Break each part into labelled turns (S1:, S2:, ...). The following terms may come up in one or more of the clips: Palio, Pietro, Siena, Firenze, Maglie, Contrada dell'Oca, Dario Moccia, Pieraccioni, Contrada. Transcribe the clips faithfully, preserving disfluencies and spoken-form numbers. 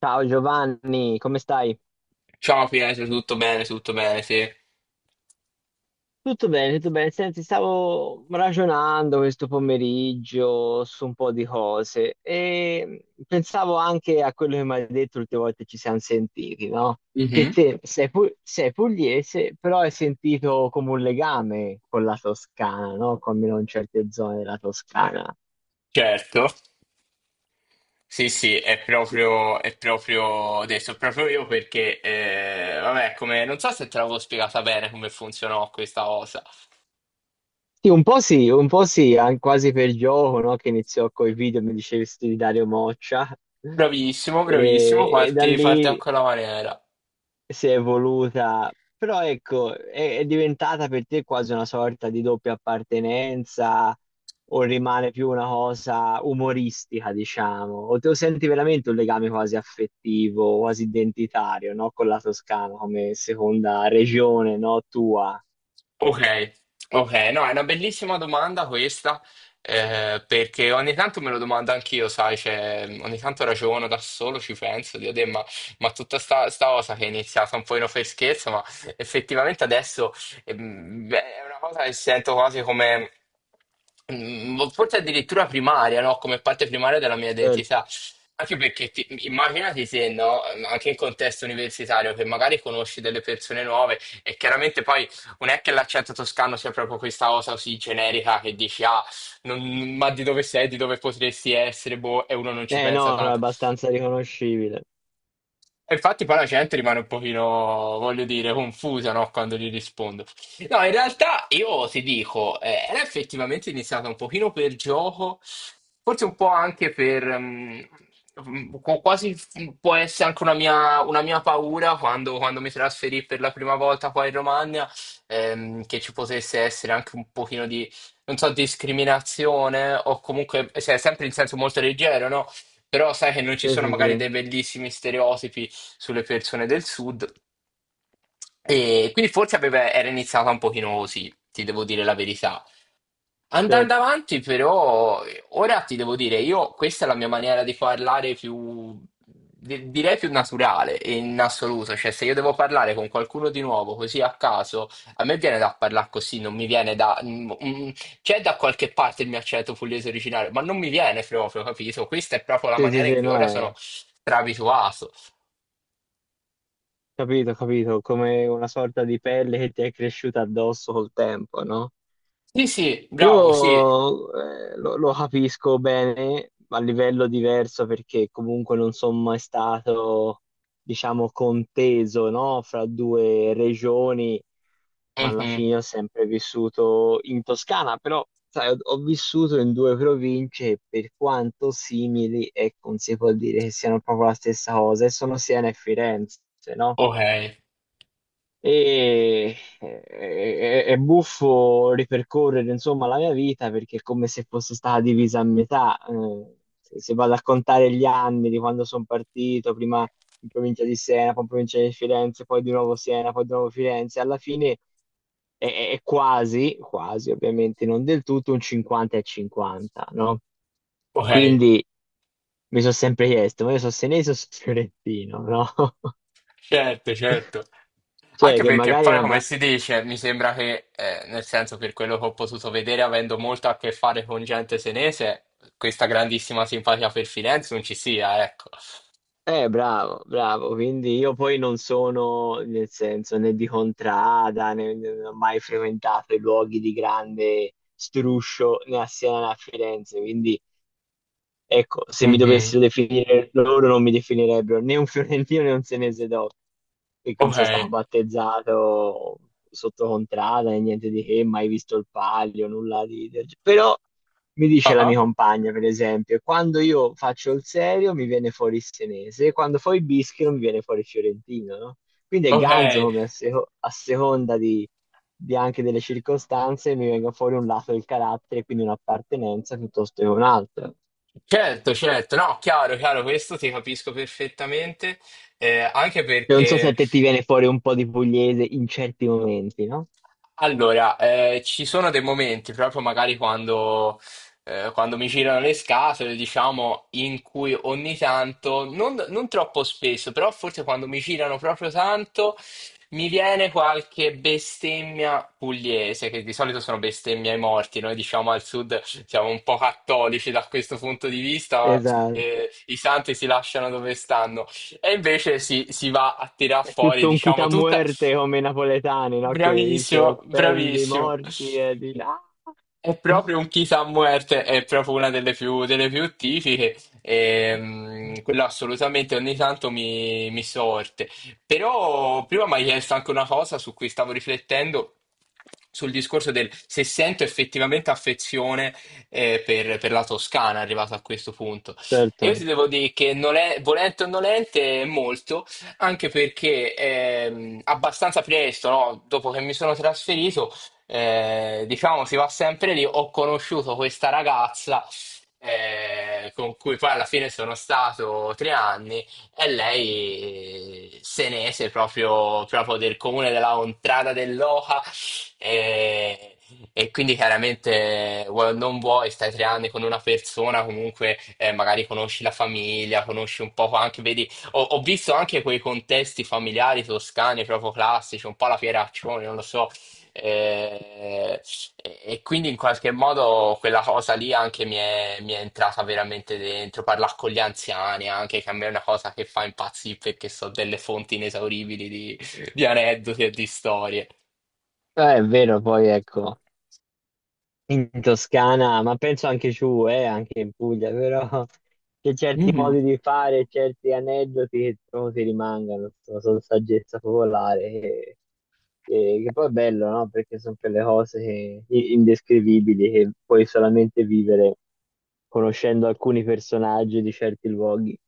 S1: Ciao Giovanni, come stai?
S2: Ciao Pietro, tutto bene, tutto bene, sì.
S1: Tutto bene, tutto bene. Senti, stavo ragionando questo pomeriggio su un po' di cose e pensavo anche a quello che mi hai detto l'ultima volta che ci siamo sentiti, no? Che
S2: Mhm.
S1: te sei, pu- sei pugliese, però hai sentito come un legame con la Toscana, no? Con almeno in certe zone della Toscana.
S2: Certo, sì, sì, è proprio, è proprio adesso, proprio io perché, eh, vabbè, come, non so se te l'avevo spiegata bene come funzionò questa cosa.
S1: Sì, un po' sì, un po' sì, an- quasi per gioco, no? Che iniziò coi video, mi dicesti di Dario Moccia,
S2: Bravissimo, bravissimo,
S1: e, e da
S2: parti, parti a
S1: lì
S2: quella maniera.
S1: si è evoluta, però ecco, è, è diventata per te quasi una sorta di doppia appartenenza, o rimane più una cosa umoristica, diciamo, o te lo senti veramente un legame quasi affettivo, quasi identitario, no? Con la Toscana come seconda regione, no? Tua.
S2: Ok, ok, no, è una bellissima domanda questa, eh, perché ogni tanto me lo domando anch'io, sai, cioè, ogni tanto ragiono da solo, ci penso, dico, "Deh, ma, ma tutta sta, sta cosa che è iniziata un po' in per scherzo, ma effettivamente adesso ehm, beh, è una cosa che sento quasi come, mm, boh, forse addirittura primaria, no? Come parte primaria della mia
S1: Certo.
S2: identità. Anche perché ti- immaginati se, no, anche in contesto universitario, che magari conosci delle persone nuove e chiaramente poi non è che l'accento toscano sia proprio questa cosa così generica che dici, ah, non- ma di dove sei, di dove potresti essere, boh, e uno non ci
S1: Eh
S2: pensa
S1: no, no, è
S2: tanto.
S1: abbastanza riconoscibile.
S2: E infatti poi la gente rimane un pochino, voglio dire, confusa, no, quando gli rispondo. No, in realtà io ti dico, eh, era effettivamente iniziata un pochino per gioco, forse un po' anche per mm, mm, qu- quasi mm, può essere anche una mia, una mia paura quando, quando mi trasferì per la prima volta qua in Romagna, ehm, che ci potesse essere anche un pochino di, non so, discriminazione o comunque, cioè, sempre in senso molto leggero, no? Però sai che non ci
S1: Sì,
S2: sono
S1: sì,
S2: magari
S1: sì.
S2: dei bellissimi stereotipi sulle persone del sud. E quindi forse aveva- era iniziata un pochino così, ti devo dire la verità.
S1: Cioè,
S2: Andando avanti, però, eh, ora ti devo dire, io questa è la mia maniera di parlare più, di- direi più naturale in assoluto, cioè se io devo parlare con qualcuno di nuovo così a caso, a me viene da parlare così, non mi viene da mm, mm, c'è da qualche parte il mio accento pugliese originale, ma non mi viene proprio, capito? Questa è proprio la
S1: sì, sì,
S2: maniera in
S1: sì,
S2: cui
S1: no,
S2: ora sono
S1: è...
S2: strabituato.
S1: Capito, capito, come una sorta di pelle che ti è cresciuta addosso col tempo, no?
S2: Sì, sì, bravo, sì.
S1: Io eh, lo, lo capisco bene a livello diverso perché comunque non sono mai stato, diciamo, conteso, no? Fra due regioni, ma alla
S2: Mhm.
S1: fine ho sempre vissuto in Toscana, però sai, ho, ho vissuto in due province e per quanto simili, ecco, non si può dire che siano proprio la stessa cosa, e sono Siena e Firenze, no?
S2: Ok,
S1: E e- e- è buffo ripercorrere insomma la mia vita perché è come se fosse stata divisa a metà. eh, se se vado a contare gli anni di quando sono partito, prima in provincia di Siena, poi in provincia di Firenze, poi di nuovo Siena, poi di nuovo Firenze, alla fine è, è quasi, quasi ovviamente non del tutto, un cinquanta e cinquanta, no?
S2: ok.
S1: Quindi mi sono sempre chiesto, ma io sono senese o sono fiorentino, no?
S2: Certo, certo.
S1: Cioè
S2: Anche
S1: che
S2: perché
S1: magari è
S2: poi,
S1: una...
S2: come
S1: ba-
S2: si dice, mi sembra che, eh, nel senso, per quello che ho potuto vedere, avendo molto a che fare con gente senese, questa grandissima simpatia per Firenze non ci sia, ecco.
S1: Eh, bravo, bravo, quindi io poi non sono, nel senso, né di Contrada, né, non ho mai frequentato i luoghi di grande struscio né a Siena né a Firenze, quindi ecco, se mi
S2: Mhm.
S1: dovessero definire loro non mi definirebbero né un fiorentino né un senese dopo, perché non
S2: Ok.
S1: sono stato battezzato sotto contrada né niente di che, mai visto il palio, nulla di... del ge- Però mi dice la
S2: Ah,
S1: mia compagna, per esempio, quando io faccio il serio mi viene fuori il senese, quando fo il bischero mi viene fuori il fiorentino, no? Quindi è
S2: ok.
S1: ganzo come a, seco- a seconda di, di anche delle circostanze mi venga fuori un lato del carattere, quindi un'appartenenza piuttosto che un'altra.
S2: Certo, certo. No, chiaro, chiaro, questo ti capisco perfettamente. Eh, anche
S1: Non so se
S2: perché.
S1: a te ti viene fuori un po' di pugliese in certi momenti, no?
S2: Allora, eh, ci sono dei momenti, proprio magari quando, eh, quando mi girano le scatole, diciamo, in cui ogni tanto, non, non troppo spesso, però forse quando mi girano proprio tanto, mi viene qualche bestemmia pugliese, che di solito sono bestemmie ai morti. Noi diciamo al sud siamo un po' cattolici da questo punto di vista,
S1: Esatto.
S2: eh, i santi si lasciano dove stanno. E invece si, si va a tirar
S1: È
S2: fuori,
S1: tutto un
S2: diciamo,
S1: chita
S2: tutta.
S1: muerte come i napoletani, no? Che se
S2: Bravissimo,
S1: offendi i
S2: bravissimo.
S1: morti e di là.
S2: È proprio un Chisa Muerte, è proprio una delle più, delle più tipiche, e, mm, quello assolutamente ogni tanto mi, mi sorte. Però prima mi hai chiesto anche una cosa su cui stavo riflettendo, sul discorso del se sento effettivamente affezione eh, per, per la Toscana, arrivato a questo punto. E io
S1: Certo.
S2: ti devo dire che non è, volente o nolente, molto, anche perché ehm, abbastanza presto, no, dopo che mi sono trasferito, eh, diciamo si va sempre lì. Ho conosciuto questa ragazza eh, con cui poi alla fine sono stato tre anni e lei se ne ese proprio, proprio del comune della Contrada dell'Oca e, e quindi chiaramente vuoi o non vuoi stai tre anni con una persona comunque eh, magari conosci la famiglia, conosci un po' anche, vedi, ho, ho visto anche quei contesti familiari toscani proprio classici, un po' la Pieraccioni, non lo so. Eh, e, e quindi in qualche modo quella cosa lì anche mi è, mi è entrata veramente dentro, parlare con gli anziani anche, che a me è una cosa che fa impazzire perché so delle fonti inesauribili di, di aneddoti e di storie.
S1: Eh, è vero, poi ecco. In Toscana, ma penso anche giù, eh, anche in Puglia, però c'è certi modi di fare, certi aneddoti che trovo che rimangano, sono, sono saggezza popolare, che, che- che poi è bello, no? Perché sono quelle cose che- i- indescrivibili che puoi solamente vivere conoscendo alcuni personaggi di certi luoghi.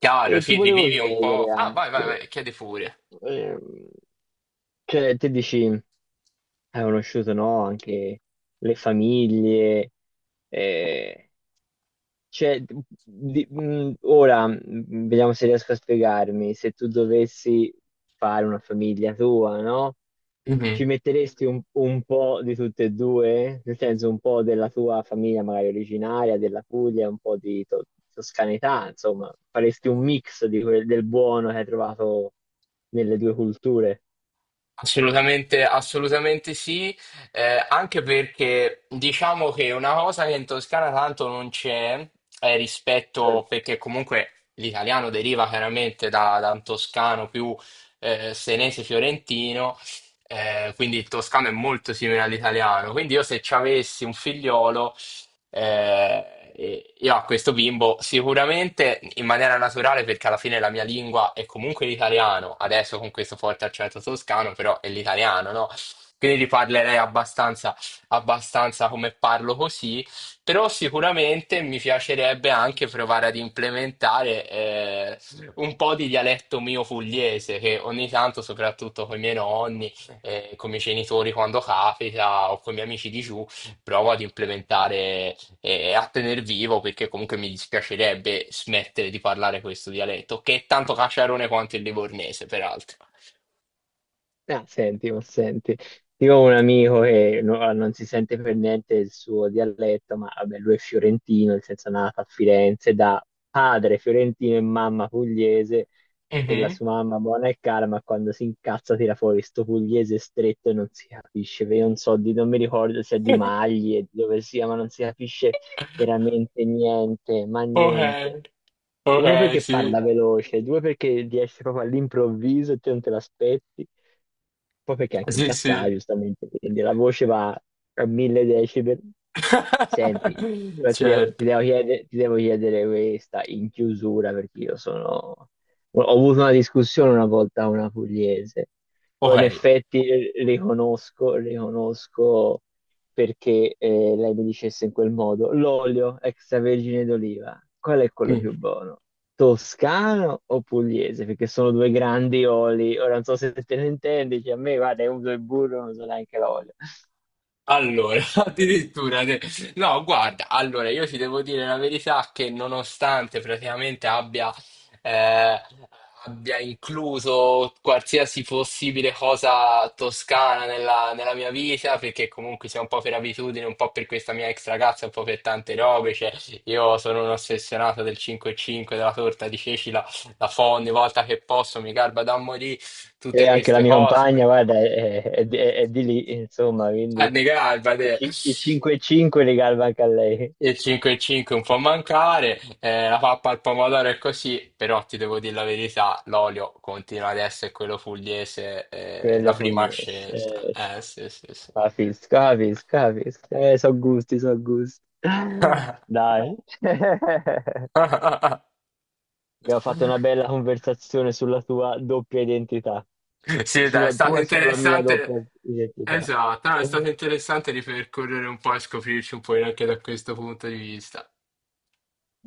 S2: Chiaro,
S1: E ti
S2: sì,
S1: volevo
S2: rivivi un po'.
S1: chiedere
S2: Ah, vai, vai,
S1: anche,
S2: vai, chiedi pure.
S1: ehm, cioè, te dici hai conosciuto, no, anche le famiglie. eh, cioè, di- mh, ora mh, vediamo se riesco a spiegarmi. Se tu dovessi fare una famiglia tua, no?
S2: Mhm.
S1: Ci metteresti un, un po' di tutte e due? Nel senso, un po' della tua famiglia magari originaria, della Puglia, un po' di to- toscanità, insomma, faresti un mix di quel- del buono che hai trovato nelle due culture.
S2: Assolutamente, assolutamente sì, eh, anche perché diciamo che una cosa che in Toscana tanto non c'è è
S1: Cioè,
S2: rispetto, perché comunque l'italiano deriva chiaramente da, da un toscano più eh, senese fiorentino, eh, quindi il toscano è molto simile all'italiano, quindi io se ci avessi un figliolo eh, e io a questo bimbo sicuramente in maniera naturale, perché alla fine la mia lingua è comunque l'italiano, adesso con questo forte accento toscano, però è l'italiano, no? Quindi li parlerei abbastanza, abbastanza come parlo così, però sicuramente mi piacerebbe anche provare ad implementare eh, un po' di dialetto mio pugliese, che ogni tanto, soprattutto con i miei nonni, eh, con i miei genitori quando capita, o con i miei amici di giù, provo ad implementare e a tener vivo perché comunque mi dispiacerebbe smettere di parlare questo dialetto, che è tanto caciarone quanto il livornese, peraltro.
S1: ah, senti, ma senti, io ho un amico che no- ah, non si sente per niente il suo dialetto, ma vabbè, lui è fiorentino, nel senso è nato a Firenze da padre fiorentino e mamma pugliese, e la
S2: Mhm.
S1: sua mamma buona e cara, ma quando si incazza tira fuori sto pugliese stretto e non si capisce, perché io non so, di, non mi ricordo se è di Maglie, di dove sia, ma non si capisce veramente niente, ma
S2: Ok,
S1: niente. Uno
S2: ok,
S1: perché parla
S2: sì,
S1: veloce, due perché riesce proprio all'improvviso e te non te l'aspetti, poi perché anche
S2: sì,
S1: incazzata,
S2: sì.
S1: giustamente, quindi la voce va a mille decibel. Senti, però ti devo, ti
S2: Certo,
S1: devo chiedere, ti devo chiedere questa in chiusura perché io sono... Ho avuto una discussione una volta con una pugliese, però in
S2: ok.
S1: effetti eh, riconosco, riconosco perché eh, lei mi dicesse in quel modo, l'olio extravergine d'oliva, qual è quello
S2: Mm.
S1: più buono? Toscano o pugliese? Perché sono due grandi oli. Ora non so se te ne intendi, cioè a me, guarda, io uso il burro, non so neanche l'olio.
S2: Allora, addirittura, te- no, guarda, allora io ti devo dire la verità che nonostante praticamente abbia, eh, abbia incluso qualsiasi possibile cosa toscana nella, nella mia vita, perché comunque sia un po' per abitudine, un po' per questa mia ex ragazza, un po' per tante robe, cioè io sono un ossessionato del cinque e cinque, della torta di ceci, la, la fo ogni volta che posso, mi garba da morire, tutte
S1: E anche la
S2: queste
S1: mia
S2: cose.
S1: compagna, guarda, è, è di è di lì, insomma, quindi
S2: Ah, mi garba,
S1: i
S2: te.
S1: ci- i cinque e cinque li galva anche a lei,
S2: Il cinque e cinque un po' a mancare, eh, la pappa al pomodoro è così, però ti devo dire la verità, l'olio continua ad essere quello pugliese, eh, la
S1: quello
S2: prima
S1: pugliese.
S2: scelta.
S1: Eh, sì.
S2: Eh sì, sì, sì.
S1: Capisco, capisco, capisco. Eh, so gusti, so gusti. Dai. Abbiamo fatto una bella conversazione sulla tua doppia identità,
S2: Sì, dai, è
S1: sulla
S2: stato
S1: tua e sulla mia doppia
S2: interessante.
S1: identità.
S2: Esatto, no, è stato interessante ripercorrere un po' e scoprirci un po' anche da questo punto di vista.